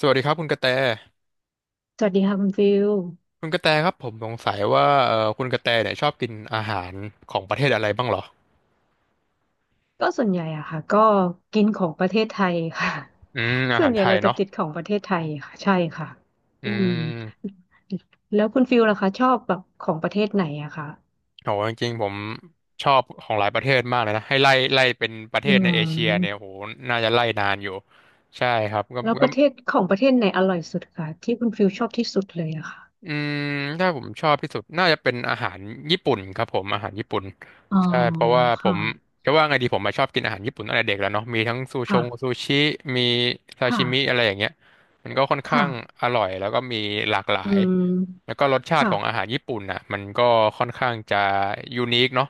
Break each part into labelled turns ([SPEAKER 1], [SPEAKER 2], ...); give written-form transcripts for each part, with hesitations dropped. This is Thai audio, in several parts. [SPEAKER 1] สวัสดีครับคุณกระแต
[SPEAKER 2] สวัสดีค่ะคุณฟิล
[SPEAKER 1] คุณกระแตครับผมสงสัยว่าคุณกระแตเนี่ยชอบกินอาหารของประเทศอะไรบ้างเหรอ
[SPEAKER 2] ก็ส่วนใหญ่อะค่ะก็กินของประเทศไทยค่ะ
[SPEAKER 1] อืม อา
[SPEAKER 2] ส่ว
[SPEAKER 1] หา
[SPEAKER 2] น
[SPEAKER 1] ร
[SPEAKER 2] ใหญ่
[SPEAKER 1] ไทย
[SPEAKER 2] เราจะ
[SPEAKER 1] เนาะ
[SPEAKER 2] ติดของประเทศไทยค่ะใช่ค่ะ
[SPEAKER 1] อื
[SPEAKER 2] อืม
[SPEAKER 1] ม
[SPEAKER 2] แล้วคุณฟิลล่ะคะชอบแบบของประเทศไหนอะคะ
[SPEAKER 1] โหจริงๆผมชอบของหลายประเทศมากเลยนะให้ไล่เป็นประเท
[SPEAKER 2] อื
[SPEAKER 1] ศในเอเชียเนี่ย
[SPEAKER 2] ม
[SPEAKER 1] โหน่าจะไล่นานอยู่ใช่ครับก็
[SPEAKER 2] แล้ว
[SPEAKER 1] ก็
[SPEAKER 2] ประเทศของประเทศไหนอร่อยสุดคะที่คุณฟิลชอบที่สุดเลยอะค่ะ
[SPEAKER 1] อืมถ้าผมชอบที่สุดน่าจะเป็นอาหารญี่ปุ่นครับผมอาหารญี่ปุ่น
[SPEAKER 2] อ๋อ
[SPEAKER 1] ใช่เพราะว่าผ
[SPEAKER 2] ค่ะ
[SPEAKER 1] มจะว่าไงดีผมมาชอบกินอาหารญี่ปุ่นตั้งแต่เด็กแล้วเนาะมีทั้งซูชง
[SPEAKER 2] ค่ะ
[SPEAKER 1] ซูชิมีซา
[SPEAKER 2] ค่ะ
[SPEAKER 1] ชิมิอะไรอย่างเงี้ยมันก็ค่อนข้าง
[SPEAKER 2] ค่ะ
[SPEAKER 1] อร่อยแล้วก็มีหลากหลา
[SPEAKER 2] อื
[SPEAKER 1] ยแล้
[SPEAKER 2] ม
[SPEAKER 1] วก็รสชาติ
[SPEAKER 2] ค่ะ
[SPEAKER 1] ของอาหารญี่ปุ่นน่ะมันก็ค่อนข้างจะยูนิคเนาะ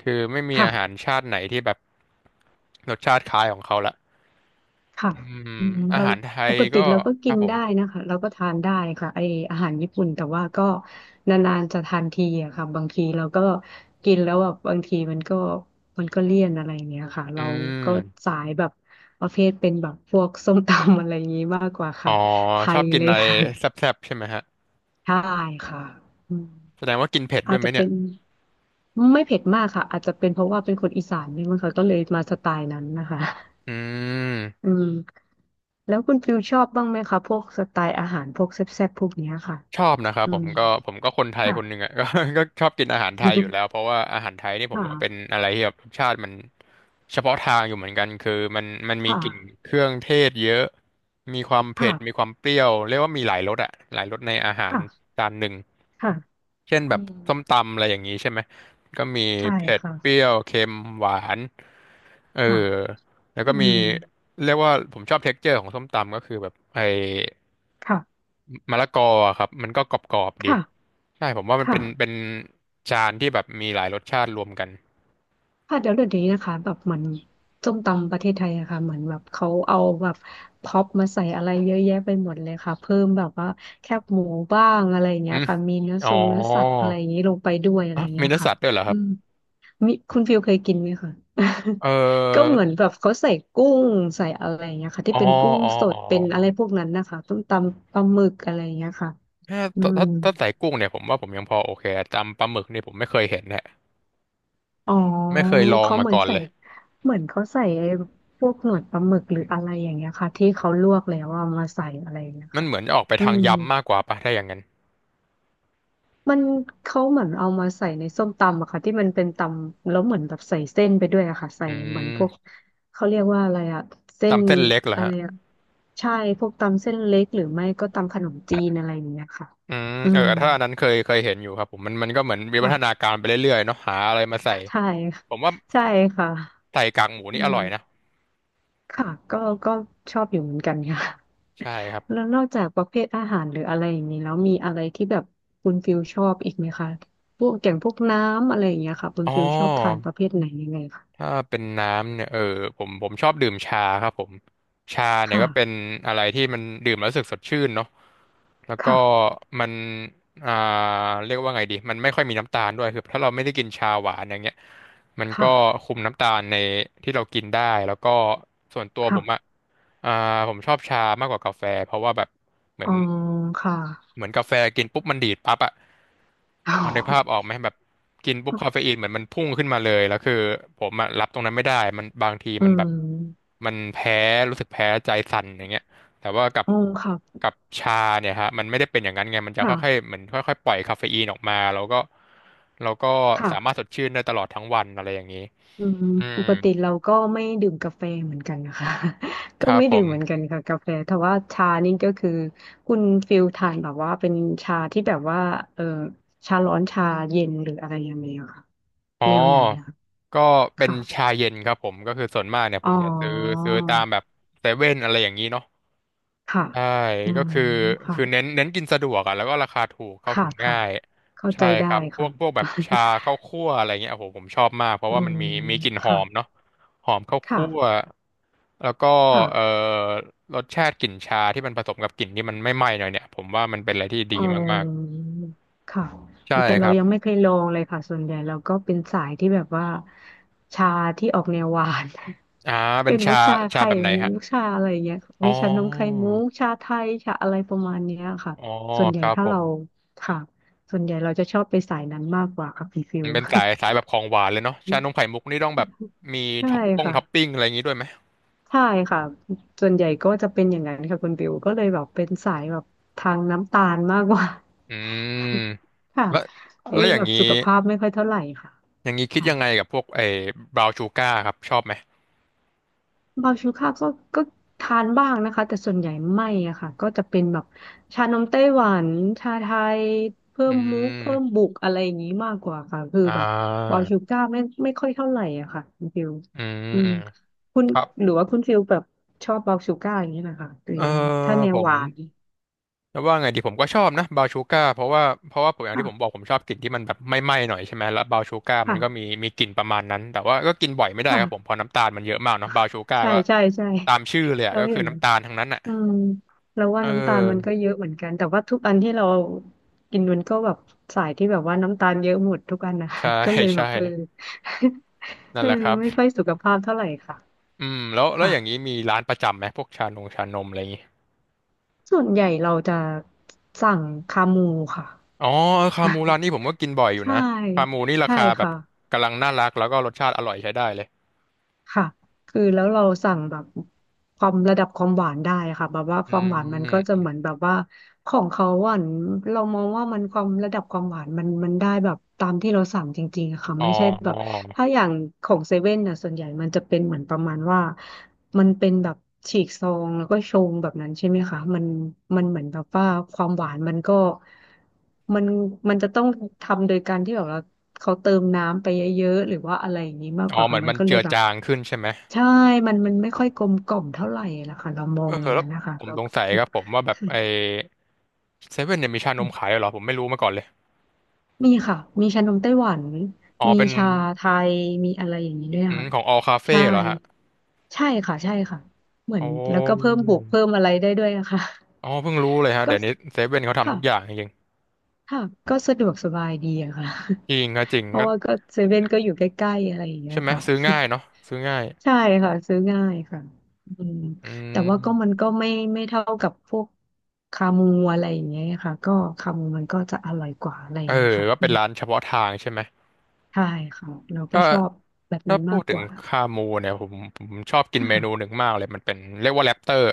[SPEAKER 1] คือไม่มี
[SPEAKER 2] ค่ะ
[SPEAKER 1] อาหารชาติไหนที่แบบรสชาติคล้ายของเขาละ
[SPEAKER 2] ค่ะ
[SPEAKER 1] อืม
[SPEAKER 2] อืม
[SPEAKER 1] อา
[SPEAKER 2] เรา
[SPEAKER 1] หารไท
[SPEAKER 2] ป
[SPEAKER 1] ย
[SPEAKER 2] กติ
[SPEAKER 1] ก็
[SPEAKER 2] เราก็
[SPEAKER 1] ค
[SPEAKER 2] กิ
[SPEAKER 1] รับ
[SPEAKER 2] น
[SPEAKER 1] ผม
[SPEAKER 2] ได้นะคะเราก็ทานได้ค่ะไออาหารญี่ปุ่นแต่ว่าก็นานๆจะทานทีอะค่ะบางทีเราก็กินแล้วแบบบางทีมันก็มันก็เลี่ยนอะไรอย่างเงี้ยค่ะ
[SPEAKER 1] อื
[SPEAKER 2] เราก็
[SPEAKER 1] ม
[SPEAKER 2] สายแบบประเภทเป็นแบบพวกส้มตำ อะไรอย่างงี้มากกว่า
[SPEAKER 1] อ๋อ
[SPEAKER 2] ค่ะไท
[SPEAKER 1] ชอ
[SPEAKER 2] ย
[SPEAKER 1] บกิน
[SPEAKER 2] เล
[SPEAKER 1] อะ
[SPEAKER 2] ย
[SPEAKER 1] ไร
[SPEAKER 2] ค่ะ
[SPEAKER 1] แซ่บๆใช่ไหมฮะ
[SPEAKER 2] ใช่ค่ะอืม
[SPEAKER 1] แสดงว่ากินเผ็ดด้
[SPEAKER 2] อา
[SPEAKER 1] ว
[SPEAKER 2] จ
[SPEAKER 1] ยไหม
[SPEAKER 2] จะ
[SPEAKER 1] เนี่
[SPEAKER 2] เป็
[SPEAKER 1] ย
[SPEAKER 2] นไม่เผ็ดมากค่ะอาจจะเป็นเพราะว่าเป็นคนอีสานด้วยมั้งค่ะก็เลยมาสไตล์นั้นนะคะ
[SPEAKER 1] อืม
[SPEAKER 2] อืมแล้วคุณฟิวชอบบ้างไหมคะพวกสไตล์อาหารพวกแซ่บๆพวกเนี้ยค่ะ
[SPEAKER 1] ชอบนะครับ
[SPEAKER 2] อื
[SPEAKER 1] ผ
[SPEAKER 2] ม
[SPEAKER 1] มก็ผมก็คนไทย
[SPEAKER 2] ค่ะ
[SPEAKER 1] คนหนึ่งอ่ะ ก็ชอบกินอาหารไทยอยู่แล้วเพราะว่าอาหารไทยนี่ ผ
[SPEAKER 2] ค
[SPEAKER 1] มว่าเป็น
[SPEAKER 2] ่ะ
[SPEAKER 1] อะไรที่แบบรสชาติมันเฉพาะทางอยู่เหมือนกันคือมันมี
[SPEAKER 2] ค่ะ
[SPEAKER 1] กลิ่นเครื่องเทศเยอะมีความเผ็ดมี
[SPEAKER 2] ค่ะ
[SPEAKER 1] ความเปรี้ยวเรียกว่ามีหลายรสอ่ะหลายรสในอาหาร
[SPEAKER 2] ค่ะ
[SPEAKER 1] จานหนึ่ง
[SPEAKER 2] ค่ะ
[SPEAKER 1] เช่นแบ
[SPEAKER 2] อื
[SPEAKER 1] บ
[SPEAKER 2] ม
[SPEAKER 1] ส้มตำอะไรอย่างนี้ใช่ไหมก็มี
[SPEAKER 2] ใช่
[SPEAKER 1] เผ็ดเปรี้
[SPEAKER 2] ค่ะ
[SPEAKER 1] ยวเค็มหวานเออ
[SPEAKER 2] ค่ะ
[SPEAKER 1] แล้ว
[SPEAKER 2] อื
[SPEAKER 1] ก็มี
[SPEAKER 2] ม
[SPEAKER 1] เรียกว่าผมชอบเท็กเจอร์ของส้มตำก็คือแบบไอ้
[SPEAKER 2] ค่ะ
[SPEAKER 1] มะละกออะครับมันก็กรอบๆดี
[SPEAKER 2] ค่ะ
[SPEAKER 1] ใช่ผมว่ามันเป็น
[SPEAKER 2] ค่ะ
[SPEAKER 1] จานที่แบบมีหลายรสชาติรวมกัน
[SPEAKER 2] ค่ะเดี๋ยวเดี๋ยวนี้นะคะแบบเหมือนส้มตำประเทศไทยอะค่ะเหมือนแบบเขาเอาแบบพร็อปมาใส่อะไรเยอะแยะไปหมดเลยค่ะเพิ่มแบบว่าแคบหมูบ้างอะไรอย่าง
[SPEAKER 1] อื
[SPEAKER 2] เงี้ย
[SPEAKER 1] ม
[SPEAKER 2] ค่ะมีเนื้อ
[SPEAKER 1] อ๋
[SPEAKER 2] ท
[SPEAKER 1] อ
[SPEAKER 2] รงเนื้อสัตว์อะไรอย่างงี้ลงไปด้วยอะไร
[SPEAKER 1] อ่ะ
[SPEAKER 2] อย่าง
[SPEAKER 1] มี
[SPEAKER 2] เงี้ย
[SPEAKER 1] เนื้อ
[SPEAKER 2] ค่ะ
[SPEAKER 1] สัตว์ด้วยเหรอค
[SPEAKER 2] อื
[SPEAKER 1] รับ
[SPEAKER 2] ม มิคุณฟิลเคยกินไหมคะ
[SPEAKER 1] เอ
[SPEAKER 2] ก็เห
[SPEAKER 1] อ
[SPEAKER 2] มือนแบบเขาใส่กุ้งใส่อะไรอย่างเงี้ยค่ะที่
[SPEAKER 1] อ๋อ
[SPEAKER 2] เป็นกุ้ง
[SPEAKER 1] อ๋อ
[SPEAKER 2] ส
[SPEAKER 1] อ๋
[SPEAKER 2] ด
[SPEAKER 1] อ
[SPEAKER 2] เป็นอะไรพวกนั้นนะคะต้มตำปลาหมึกอะไรอย่างเงี้ยค่ะ
[SPEAKER 1] ถ้า
[SPEAKER 2] อืม
[SPEAKER 1] ถ้าถ้าใส่กุ้งเนี่ยผมว่าผมยังพอโอเคจำปลาหมึกเนี่ยผมไม่เคยเห็นแหละ
[SPEAKER 2] อ๋อ
[SPEAKER 1] ไม่เคยลอง
[SPEAKER 2] เขา
[SPEAKER 1] มา
[SPEAKER 2] เหมือน
[SPEAKER 1] ก่อน
[SPEAKER 2] ใส่
[SPEAKER 1] เลย
[SPEAKER 2] เหมือนเขาใส่ไอ้พวกหนวดปลาหมึกหรืออะไรอย่างเงี้ยค่ะที่เขาลวกแล้วเอามาใส่อะไรอย่างเงี้ย
[SPEAKER 1] มัน
[SPEAKER 2] ค่ะ
[SPEAKER 1] เหมือนจะออกไป
[SPEAKER 2] อื
[SPEAKER 1] ทาง
[SPEAKER 2] ม
[SPEAKER 1] ยำมากกว่าปะถ้าอย่างนั้น
[SPEAKER 2] มันเขาเหมือนเอามาใส่ในส้มตำอะค่ะที่มันเป็นตำแล้วเหมือนแบบใส่เส้นไปด้วยอะค่ะใส่
[SPEAKER 1] อื
[SPEAKER 2] เหมือนพวก
[SPEAKER 1] ม
[SPEAKER 2] เขาเรียกว่าอะไรอะเส้น
[SPEAKER 1] จำเส้นเล็กเหรอ
[SPEAKER 2] อะไร
[SPEAKER 1] ฮะ
[SPEAKER 2] อะใช่พวกตำเส้นเล็กหรือไม่ก็ตำขนมจีนอะไรอย่างเงี้ยค่ะ
[SPEAKER 1] อืม
[SPEAKER 2] อื
[SPEAKER 1] เออ
[SPEAKER 2] ม
[SPEAKER 1] ถ้าอันนั้นเคยเห็นอยู่ครับผมมันก็เหมือนวิวั
[SPEAKER 2] ค่ะ
[SPEAKER 1] ฒนาการไปเรื่อยๆเนาะหาอะไรมาใส่
[SPEAKER 2] ใช่ค่ะ
[SPEAKER 1] ผมว่า
[SPEAKER 2] ใช่ค่ะ
[SPEAKER 1] ใส่กากหมู
[SPEAKER 2] อื
[SPEAKER 1] นี่อร่อยนะ
[SPEAKER 2] มค่ะก็ชอบอยู่เหมือนกันค่ะ
[SPEAKER 1] ใช่ครับ
[SPEAKER 2] แล้วนอกจากประเภทอาหารหรืออะไรอย่างนี้แล้วมีอะไรที่แบบคุณฟิลชอบอีกไหมคะพวกอย่างพวกน้ำอะไรอย่างเงี้ยค่ะคุณ
[SPEAKER 1] อ๋อ
[SPEAKER 2] ฟิลชอบทานประเภทไหนยังไงคะ
[SPEAKER 1] ถ้าเป็นน้ำเนี่ยเออผมชอบดื่มชาครับผมชาเนี่ย
[SPEAKER 2] ค่ะ
[SPEAKER 1] ก็เป็นอะไรที่มันดื่มแล้วรู้สึกสดชื่นเนาะแล้วก็
[SPEAKER 2] ค่ะ
[SPEAKER 1] มันอ่าเรียกว่าไงดีมันไม่ค่อยมีน้ำตาลด้วยคือถ้าเราไม่ได้กินชาหวานอย่างเงี้ย มันก็
[SPEAKER 2] ค่ะ
[SPEAKER 1] คุมน้ำตาลในที่เรากินได้แล้วก็ส่วนตัวผมอ่ะ
[SPEAKER 2] ค่ะ
[SPEAKER 1] อ่าผมชอบชามากกว่ากาแฟเพราะว่าแบบเหมือ
[SPEAKER 2] อ๋อ
[SPEAKER 1] น
[SPEAKER 2] ค่ะ
[SPEAKER 1] เหมือนกาแฟกินปุ๊บมันดีดปั๊บอ่ะพอนึกภาพออก ไหมแบบกินปุ๊บคาเฟอีนเหมือนมันพุ่งขึ้นมาเลยแล้วคือผมอ่ะรับตรงนั้นไม่ได้มันบางที
[SPEAKER 2] อื
[SPEAKER 1] มันแบบ
[SPEAKER 2] ม
[SPEAKER 1] มันแพ้รู้สึกแพ้ใจสั่นอย่างเงี้ย แต่ว่ากับ
[SPEAKER 2] อ๋อค่ะ
[SPEAKER 1] กับชาเนี่ยฮะมันไม่ได้เป็นอย่างนั้นไงมันจะ
[SPEAKER 2] ค่ะ
[SPEAKER 1] ค่อยๆเหมือนค่อยๆปล่อยคาเฟอีนออกมาแล้วก็เราก็
[SPEAKER 2] ค่ะ
[SPEAKER 1] สามารถสดชื่นได้ตลอดทั้งวันอะไรอย่างนี้
[SPEAKER 2] อืม
[SPEAKER 1] อื
[SPEAKER 2] ป
[SPEAKER 1] ม
[SPEAKER 2] กติเราก็ไม่ดื่มกาแฟเหมือนกันนะคะ
[SPEAKER 1] ค
[SPEAKER 2] ก็
[SPEAKER 1] รับ
[SPEAKER 2] ไม่
[SPEAKER 1] ผ
[SPEAKER 2] ดื่มเหมือนกั
[SPEAKER 1] ม
[SPEAKER 2] นค่ะกาแฟแต่ว่าชานี่ก็คือคุณฟิลทานแบบว่าเป็นชาที่แบบว่าเออชาร้อนชาเย็นหรืออะไรยังไงอะค่ะ
[SPEAKER 1] อ๋อ
[SPEAKER 2] แนวไหนนะคะ
[SPEAKER 1] ก็เป็น
[SPEAKER 2] ค่ะ
[SPEAKER 1] ชาเย็นครับผมก็คือส่วนมากเนี่ยผ
[SPEAKER 2] อ๋
[SPEAKER 1] ม
[SPEAKER 2] อ
[SPEAKER 1] จะซื้อตามแบบเซเว่นอะไรอย่างนี้เนาะ
[SPEAKER 2] ค่ะ
[SPEAKER 1] ใช่
[SPEAKER 2] อื
[SPEAKER 1] ก็
[SPEAKER 2] ม
[SPEAKER 1] คือ
[SPEAKER 2] ค่ะ
[SPEAKER 1] คือเน้นกินสะดวกอ่ะแล้วก็ราคาถูกเข้า
[SPEAKER 2] ค่ะ
[SPEAKER 1] ถึง
[SPEAKER 2] ค่ะ
[SPEAKER 1] ง่าย
[SPEAKER 2] เข้าใจ
[SPEAKER 1] ใช่ค
[SPEAKER 2] ได้
[SPEAKER 1] รับพว
[SPEAKER 2] ค่ะ
[SPEAKER 1] กพวกแบบ ชาข้าวคั่วอะไรเงี้ยโอ้โหผมชอบมากเพราะ
[SPEAKER 2] อื
[SPEAKER 1] ว่ามัน
[SPEAKER 2] ม
[SPEAKER 1] มีกลิ่นหอ
[SPEAKER 2] ค่ะ
[SPEAKER 1] มเนาะหอมข้าว
[SPEAKER 2] ค่ะ
[SPEAKER 1] คั่วแล้วก็เอ่
[SPEAKER 2] ค่ะ
[SPEAKER 1] อรสชาติกลิ่นชาที่มันผสมกับกลิ่นที่มันไม่ไหม้หน่อยเนี่ยผมว่ามันเป็นอะไรที่
[SPEAKER 2] เ
[SPEAKER 1] ดีมาก
[SPEAKER 2] ออค่ะ
[SPEAKER 1] ๆ
[SPEAKER 2] อุ๊
[SPEAKER 1] ใช่
[SPEAKER 2] ยแต่
[SPEAKER 1] ค
[SPEAKER 2] เรา
[SPEAKER 1] รับ
[SPEAKER 2] ยังไม่เคยลองเลยค่ะส่วนใหญ่เราก็เป็นสายที่แบบว่าชาที่ออกแนวหวาน
[SPEAKER 1] อ่า เป็
[SPEAKER 2] เป็
[SPEAKER 1] น
[SPEAKER 2] นพวกชา
[SPEAKER 1] ชา
[SPEAKER 2] ไข่
[SPEAKER 1] แบบไหน
[SPEAKER 2] มุ
[SPEAKER 1] ฮะ
[SPEAKER 2] กชาอะไรอย่างเงี้ย
[SPEAKER 1] อ๋อ
[SPEAKER 2] มีชานมไข่มุกชาไทย ชาอะไรประมาณเนี้ยค่ะ
[SPEAKER 1] อ๋อ
[SPEAKER 2] ส่วนให
[SPEAKER 1] ค
[SPEAKER 2] ญ่
[SPEAKER 1] รับ
[SPEAKER 2] ถ้า
[SPEAKER 1] ผม
[SPEAKER 2] เราค่ะ ส่วนใหญ่เราจะชอบไปสายนั้นมากกว่าค่ะพี่ฟิ
[SPEAKER 1] มั
[SPEAKER 2] ว
[SPEAKER 1] นเป็นสายแบบของหวานเลยเนาะชานมไข่มุกนี่ต้องแบบ มี
[SPEAKER 2] ใช่ค่ะ
[SPEAKER 1] ท็อปปิ้งอะไรอย่างงี้ด้วยไหม
[SPEAKER 2] ใช่ค่ะส่วนใหญ่ก็จะเป็นอย่างนั้นค่ะคุณบิวก็เลยแบบเป็นสายแบบทางน้ำตาลมากกว่า
[SPEAKER 1] อืม
[SPEAKER 2] ค่ะ
[SPEAKER 1] แล้ว
[SPEAKER 2] ไอ้
[SPEAKER 1] แล้วอ
[SPEAKER 2] แบ
[SPEAKER 1] ย่าง
[SPEAKER 2] บ
[SPEAKER 1] นี้
[SPEAKER 2] สุขภาพไม่ค่อยเท่าไหร่ค่ะ
[SPEAKER 1] อย่างนี้คิด
[SPEAKER 2] ค่ะ
[SPEAKER 1] ยังไงกับพวกไอ้บราวน์ชูการ์ครับชอบไหม
[SPEAKER 2] บาชูค่าก็ทานบ้างนะคะแต่ส่วนใหญ่ไม่อะค่ะก็จะเป็นแบบชานมไต้หวันชาไทยเพิ่
[SPEAKER 1] อื
[SPEAKER 2] มมุกเพิ่ม
[SPEAKER 1] ม
[SPEAKER 2] บุกอะไรอย่างนี้มากกว่าค่ะคือ
[SPEAKER 1] อ่
[SPEAKER 2] แบบบา
[SPEAKER 1] า
[SPEAKER 2] ชูก้าไม่ค่อยเท่าไหร่อะค่ะคุณฟิว
[SPEAKER 1] อืม
[SPEAKER 2] อื
[SPEAKER 1] อื
[SPEAKER 2] ม
[SPEAKER 1] ม
[SPEAKER 2] คุณ
[SPEAKER 1] ครับ
[SPEAKER 2] หรือว่าคุณฟิวแบบชอบบาชูก้าอย่างนี้นะคะหรือ
[SPEAKER 1] เออ
[SPEAKER 2] ยังไงถ้าแน
[SPEAKER 1] ผ
[SPEAKER 2] วห
[SPEAKER 1] ม
[SPEAKER 2] วาน
[SPEAKER 1] จะว่าไงดีผมก็ชอบนะบราวน์ชูการ์เพราะว่าเพราะว่าผมอย่างที่ผมบอ
[SPEAKER 2] ค่ะ
[SPEAKER 1] กผมชอบกลิ่นที่มันแบบไม่ไหม้หน่อยใช่ไหมแล้วบราวน์ชูการ์มันก็มี
[SPEAKER 2] ค่ะ
[SPEAKER 1] มีกลิ่นประมาณนั้นแต่ว่าก็กินบ่อยไม่ได้ครับผมเพ
[SPEAKER 2] ค่ะ
[SPEAKER 1] ราะน้ำตาลมันเยอะมากเนอะบราวน์ชูการ์
[SPEAKER 2] ใช่
[SPEAKER 1] ก็
[SPEAKER 2] ใช่ใช่
[SPEAKER 1] ตามชื่อเลยอะ
[SPEAKER 2] เรา
[SPEAKER 1] ก็
[SPEAKER 2] เห็
[SPEAKER 1] คือ
[SPEAKER 2] นนะ
[SPEAKER 1] น้ำตาลทั้งนั้นอ่ะ
[SPEAKER 2] อืมเราว่า
[SPEAKER 1] เอ
[SPEAKER 2] น้ำตาลมันก็
[SPEAKER 1] อ
[SPEAKER 2] เยอะเหมือนกันแต่ว่าทุกอันที่เรากินมันก็แบบสายที่แบบว่าน้ำตาลเยอะหมดทุกอันนะ
[SPEAKER 1] ใช่
[SPEAKER 2] ก็เลย แบ
[SPEAKER 1] ใช่
[SPEAKER 2] บเออ
[SPEAKER 1] นั่
[SPEAKER 2] เอ
[SPEAKER 1] น
[SPEAKER 2] อ
[SPEAKER 1] แหละครับ
[SPEAKER 2] ไม่ค่อยสุขภาพเท่าไหร่ค่ะ
[SPEAKER 1] แล้วอย่างนี้
[SPEAKER 2] ค่ะ
[SPEAKER 1] มีร้านประจำไหมพวกชานงชานมอะไรอย่างงี้
[SPEAKER 2] ส่วนใหญ่เราจะสั่งคามูค่ะ
[SPEAKER 1] อ๋อคามูร้านนี้ผมก็กินบ่อยอ ยู่
[SPEAKER 2] ใช่
[SPEAKER 1] นะคามูนี่รา
[SPEAKER 2] ใช่
[SPEAKER 1] คาแบบ
[SPEAKER 2] ค่ะ
[SPEAKER 1] กำลังน่ารักแล้วก็รสชาติอร่อยใช้ได้เลย
[SPEAKER 2] ค่ะคือแล้วเราสั่งแบบความระดับความหวานได้ค่ะแบบว่าค
[SPEAKER 1] อื
[SPEAKER 2] วามหวานมันก็จะ
[SPEAKER 1] ม
[SPEAKER 2] เหมือนแบบว่าของเขาหวานเรามองว่ามันความระดับความหวานมันได้แบบตามที่เราสั่งจริงๆอะค่ะ
[SPEAKER 1] อ๋อ
[SPEAKER 2] ไม่ใช่แบ
[SPEAKER 1] อ๋อ
[SPEAKER 2] บถ้าอย่างของเซเว่นน่ะส่วนใหญ่มันจะเป็นเหมือนประมาณว่ามันเป็นแบบฉีกซองแล้วก็ชงแบบนั้นใช่ไหมคะมันเหมือนแบบว่าความหวานมันก็มันมันจะต้องทำโดยการที่แบบเราเขาเติมน้ำไปเยอะๆหรือว่าอะไรอย่างนี้มากก
[SPEAKER 1] อ๋อ
[SPEAKER 2] ว่า
[SPEAKER 1] เหมื
[SPEAKER 2] ค่ะ
[SPEAKER 1] อน
[SPEAKER 2] มัน
[SPEAKER 1] มัน
[SPEAKER 2] ก็เล
[SPEAKER 1] เจื
[SPEAKER 2] ย
[SPEAKER 1] อ
[SPEAKER 2] แบบ
[SPEAKER 1] จางขึ้นใช่ไหม
[SPEAKER 2] ใช่มันไม่ค่อยกลมกล่อมเท่าไหร่ละค่ะเรามอ
[SPEAKER 1] เอ
[SPEAKER 2] ง
[SPEAKER 1] อ
[SPEAKER 2] อย่าง
[SPEAKER 1] แล้
[SPEAKER 2] นั้
[SPEAKER 1] ว
[SPEAKER 2] นนะคะ
[SPEAKER 1] ผม
[SPEAKER 2] เรา
[SPEAKER 1] สงสัยครับผมว่าแบบไอ
[SPEAKER 2] ค
[SPEAKER 1] เซเว่นเนี่ยมีชาน
[SPEAKER 2] ะ
[SPEAKER 1] มขายด้วยเหรอผมไม่รู้มาก่อนเลย
[SPEAKER 2] มีค่ะมีชานมไต้หวัน
[SPEAKER 1] อ๋อ
[SPEAKER 2] มี
[SPEAKER 1] เป็น
[SPEAKER 2] ชาไทย มีอะไรอย่างนี้ด้วย
[SPEAKER 1] อืม
[SPEAKER 2] ค่ะ
[SPEAKER 1] ของ All Cafe
[SPEAKER 2] ใช่
[SPEAKER 1] เหรอฮะ
[SPEAKER 2] ใช่ค่ะใช่ค่ะเหมือ
[SPEAKER 1] โอ้
[SPEAKER 2] นแล้วก็เพิ่มบวกเพิ่มอะไรได้ด้วยนะคะ
[SPEAKER 1] อ๋อเพิ่งรู้เลยฮะ
[SPEAKER 2] ก็
[SPEAKER 1] เดี๋ยวนี้เซเว่นเขาทำ
[SPEAKER 2] ค่ะ
[SPEAKER 1] ทุกอย่างจริง
[SPEAKER 2] ค่ะก็สะดวกสบายดีอะค่ะ
[SPEAKER 1] จริง ก็จริง
[SPEAKER 2] เพ
[SPEAKER 1] ก็
[SPEAKER 2] ราะว่าก็เซเว่นก็อยู่ใกล้ๆอะไรอย่างเงี้
[SPEAKER 1] ใช่
[SPEAKER 2] ย
[SPEAKER 1] ไหม
[SPEAKER 2] ค่ะ
[SPEAKER 1] ซื้อง่ายเนาะซื้อง่าย
[SPEAKER 2] ใช่ค่ะซื้อง่ายค่ะอืม
[SPEAKER 1] อื
[SPEAKER 2] แต่ว่าก็มั
[SPEAKER 1] ม
[SPEAKER 2] นก็ไม่เท่ากับพวกคามูอะไรอย่างเงี้ยค่ะก็คามูมันก็จะอร่อยกว่าอะไรอ
[SPEAKER 1] เอ
[SPEAKER 2] ย่าง
[SPEAKER 1] อ
[SPEAKER 2] เงี้ยค่ะ
[SPEAKER 1] ก็
[SPEAKER 2] อื
[SPEAKER 1] เป็น
[SPEAKER 2] ม
[SPEAKER 1] ร้านเฉพาะทางใช่ไหม
[SPEAKER 2] ใช่ค่ะเราก็
[SPEAKER 1] ก็
[SPEAKER 2] ชอบแบบนั้
[SPEAKER 1] ถ้า
[SPEAKER 2] น
[SPEAKER 1] พู
[SPEAKER 2] มาก
[SPEAKER 1] ด
[SPEAKER 2] ก
[SPEAKER 1] ถึง
[SPEAKER 2] ว่า
[SPEAKER 1] คามูเนี่ยผมชอบกินเมนูห
[SPEAKER 2] ค่ะ
[SPEAKER 1] นึ่งมากเลยมันเป็นเรียกว่าแรปเตอร์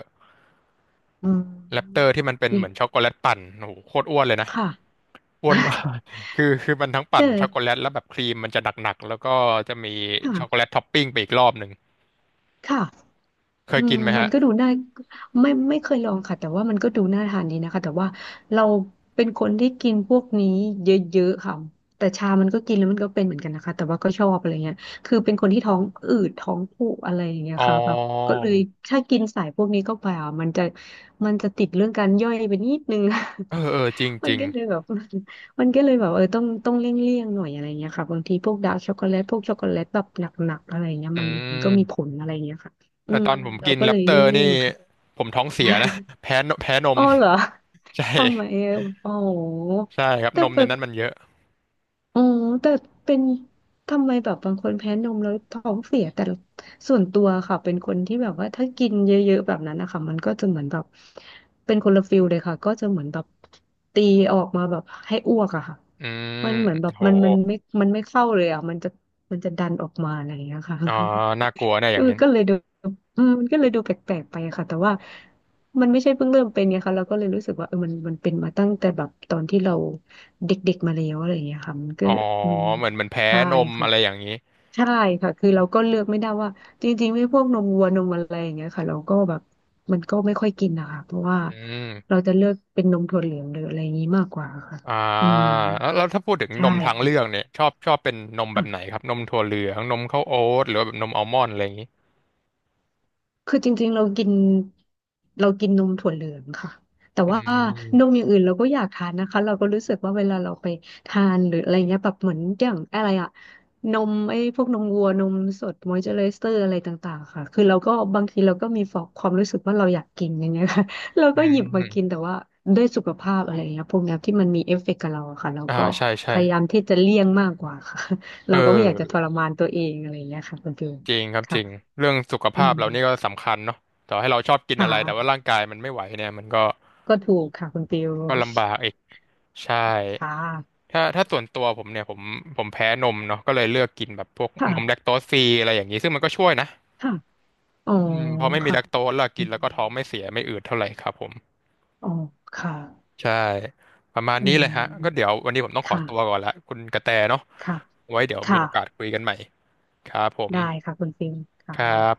[SPEAKER 2] อื
[SPEAKER 1] แรปเตอ
[SPEAKER 2] ม
[SPEAKER 1] ร์ที่มันเป็น
[SPEAKER 2] นี่
[SPEAKER 1] เหมือนช็อกโกแลตปั่นโอ้โหโคตรอ้วนเลยนะ
[SPEAKER 2] ค่ะ
[SPEAKER 1] อ้วนมาก คือมันทั้งปั่
[SPEAKER 2] แต่
[SPEAKER 1] นช็อกโกแลตแล้วแบบครีมมันจะหนักๆแล้วก็จะมีช็อกโกแล
[SPEAKER 2] ค่ะ
[SPEAKER 1] ตท็อปปิ้งไปอีกรอบหนึ่ง
[SPEAKER 2] ค่ะ
[SPEAKER 1] เค
[SPEAKER 2] อื
[SPEAKER 1] ยกิ
[SPEAKER 2] ม
[SPEAKER 1] นไหม
[SPEAKER 2] มัน
[SPEAKER 1] ฮะ
[SPEAKER 2] ก็ดูน่าไม่เคยลองค่ะแต่ว่ามันก็ดูน่าทานดีนะคะแต่ว่าเราเป็นคนที่กินพวกนี้เยอะๆค่ะแต่ชามันก็กินแล้วมันก็เป็นเหมือนกันนะคะแต่ว่าก็ชอบอะไรเงี้ยคือเป็นคนที่ท้องอืดท้องผูกอะไรอย่างเงี้ย
[SPEAKER 1] อ๋อ
[SPEAKER 2] ค่ะแบบก็เลยถ้ากินสายพวกนี้เข้าไปอ่ะมันจะมันจะติดเรื่องการย่อยไปนิดนึง
[SPEAKER 1] เออเออจริง
[SPEAKER 2] มั
[SPEAKER 1] จ
[SPEAKER 2] น
[SPEAKER 1] ริง
[SPEAKER 2] ก็เลยแบบมันก็เลยแบบเออต้องเลี่ยงเลี่ยงหน่อยอะไรเงี้ยค่ะบางทีพวกดาร์กช็อกโกแลตพวกช็อกโกแลตแบบหนักๆอะไรเงี้ย
[SPEAKER 1] อื
[SPEAKER 2] มันก็มีผ
[SPEAKER 1] ม
[SPEAKER 2] ลอะไรเงี้ยค่ะ อื
[SPEAKER 1] แต่
[SPEAKER 2] ม
[SPEAKER 1] ตอนผม
[SPEAKER 2] เรา
[SPEAKER 1] กิน
[SPEAKER 2] ก็
[SPEAKER 1] แร
[SPEAKER 2] เล
[SPEAKER 1] ป
[SPEAKER 2] ย
[SPEAKER 1] เต
[SPEAKER 2] เล
[SPEAKER 1] อร์
[SPEAKER 2] ี่ย
[SPEAKER 1] นี่
[SPEAKER 2] งๆค่ะ
[SPEAKER 1] ผมท้องเสียนะ แพ้
[SPEAKER 2] อ๋
[SPEAKER 1] ม
[SPEAKER 2] อเหรอ
[SPEAKER 1] ใช่
[SPEAKER 2] ทำไมอะอ๋อ
[SPEAKER 1] ใช่ครับ
[SPEAKER 2] แต่
[SPEAKER 1] นม
[SPEAKER 2] แบ
[SPEAKER 1] ใน
[SPEAKER 2] บ
[SPEAKER 1] นั้นมันเยอะ
[SPEAKER 2] อ๋อแต่เป็นทำไมแบบบางคนแพ้นมแล้วท้องเสียแต่ส่วนตัวค่ะเป็นคนที่แบบว่าถ้ากินเยอะๆแบบนั้นนะคะมันก็จะเหมือนแบบเป็นคนละฟิลเลยค่ะก็จะเหมือนแบบตีออกมาแบบให้อ้วกอะค่ะ
[SPEAKER 1] อืม
[SPEAKER 2] มันเหมือนแบบ
[SPEAKER 1] โห
[SPEAKER 2] มันไม่มันไม่เข้าเลยอะมันจะมันจะดันออกมาอะไรอย่างเงี้ยค่ะ
[SPEAKER 1] อ๋อน่ากลัวนะอ
[SPEAKER 2] เอ
[SPEAKER 1] ย่า
[SPEAKER 2] อ
[SPEAKER 1] งนี้
[SPEAKER 2] ก็เลยดูเออมันก็เลยดูแปลกๆไปอะค่ะแต่ว่ามันไม่ใช่เพิ่งเริ่มเป็นไงคะเราก็เลยรู้สึกว่าเออมันเป็นมาตั้งแต่แบบตอนที่เราเด็กๆมาแล้วอะไรอย่างเงี้ยค่ะมันก็
[SPEAKER 1] อ๋อ
[SPEAKER 2] อืม
[SPEAKER 1] เหมือนแพ้
[SPEAKER 2] ใช่
[SPEAKER 1] นม
[SPEAKER 2] ค่ะ
[SPEAKER 1] อะไรอย่างนี้
[SPEAKER 2] ใช่ค่ะคือเราก็เลือกไม่ได้ว่าจริงๆไม่พวกนมวัวนมอะไรอย่างเงี้ยค่ะเราก็แบบมันก็ไม่ค่อยกินนะคะเพราะว่า
[SPEAKER 1] อื
[SPEAKER 2] เรา
[SPEAKER 1] ม
[SPEAKER 2] จะเลือกเป็นนมถั่วเหลืองหรืออะไรอย่างงี้มากกว่าค่ะ
[SPEAKER 1] อ่า
[SPEAKER 2] อืม
[SPEAKER 1] แล้วถ้าพูดถึงน
[SPEAKER 2] ใช่
[SPEAKER 1] มทาง
[SPEAKER 2] ค
[SPEAKER 1] เลือกเนี่ยชอบเป็นนมแบ
[SPEAKER 2] ่ะ
[SPEAKER 1] บไหนครับนมถั่วเหลืองนมข้าวโอ๊ตหรือว่าแบบนมอัลมอนด์อะไรอย่างนี้
[SPEAKER 2] คือจริงๆเรากินเรากินนมถั่วเหลืองค่ะแต่
[SPEAKER 1] อื
[SPEAKER 2] ว่านม
[SPEAKER 1] ม
[SPEAKER 2] อย่างอื่นเราก็อยากทานนะคะเราก็รู้สึกว่าเวลาเราไปทานหรืออะไรเงี้ยแบบเหมือนอย่างอะไรอะนมไอ้พวกนมวัวนมสดมอยเจอไรเซอร์อะไรต่างๆค่ะคือเราก็บางทีเราก็มีฟอกความรู้สึกว่าเราอยากกินอย่างเงี้ยค่ะ เรา
[SPEAKER 1] อื
[SPEAKER 2] ก็หยิบมากิน
[SPEAKER 1] ม
[SPEAKER 2] แต่ว่าด้วยสุขภาพอะไรเงี้ยพวกเนี้ยที่มันมีเอฟเฟกต์กับเราอะค่ะเรา
[SPEAKER 1] อ่า
[SPEAKER 2] ก็
[SPEAKER 1] ใช่
[SPEAKER 2] พ
[SPEAKER 1] ใช่
[SPEAKER 2] ยายามที่จะเลี่ยงมากกว่าค่ะ
[SPEAKER 1] เ
[SPEAKER 2] เราก็ไม่อยากจะท
[SPEAKER 1] ออ
[SPEAKER 2] รมานตัวเองอะไรเงี้ยค่ะคุณฟิล
[SPEAKER 1] จริงครับจ
[SPEAKER 2] ค่ะ
[SPEAKER 1] ริงเรื่องสุข
[SPEAKER 2] อื
[SPEAKER 1] ภาพ
[SPEAKER 2] ม
[SPEAKER 1] เรานี่ก็สำคัญเนาะต่อให้เราชอบกิน
[SPEAKER 2] ค
[SPEAKER 1] อะไรแต่ว่า
[SPEAKER 2] ่ะ
[SPEAKER 1] ร่างกายมันไม่ไหวเนี่ยมันก็
[SPEAKER 2] ก็ถูกค่ะคุณฟิว
[SPEAKER 1] ก็ลำบากอีก ใช่
[SPEAKER 2] ค่ะ
[SPEAKER 1] ถ้าส่วนตัวผมเนี่ยผมแพ้นมเนาะก็เลยเลือกกินแบบพวก
[SPEAKER 2] ค่ะ
[SPEAKER 1] นมแลคโตสฟรีอะไรอย่างนี้ซึ่งมันก็ช่วยนะ
[SPEAKER 2] ค่ะ อ๋อ
[SPEAKER 1] อืมพอไม่มี
[SPEAKER 2] ค่ะ
[SPEAKER 1] แลคโตสแล้ว
[SPEAKER 2] อื
[SPEAKER 1] กิน
[SPEAKER 2] ม
[SPEAKER 1] แล้วก็ท้องไม่เสียไม่อืดเท่าไหร่ครับผม
[SPEAKER 2] อ๋อค่ะ
[SPEAKER 1] ใช่ประมาณ
[SPEAKER 2] อื
[SPEAKER 1] นี้เลยฮะก็เดี๋
[SPEAKER 2] ม
[SPEAKER 1] ยววันนี้ผมต้องขอ
[SPEAKER 2] ค่ะ
[SPEAKER 1] ตัวก่อนละคุณกระแตเนาะ
[SPEAKER 2] ค่ะ
[SPEAKER 1] ไว้เดี๋ยวมีโอกาส
[SPEAKER 2] ค่ะ
[SPEAKER 1] คุยกันใหม่ครับผม
[SPEAKER 2] ได้ค่ะคุณฟิวค่ะ
[SPEAKER 1] ครับ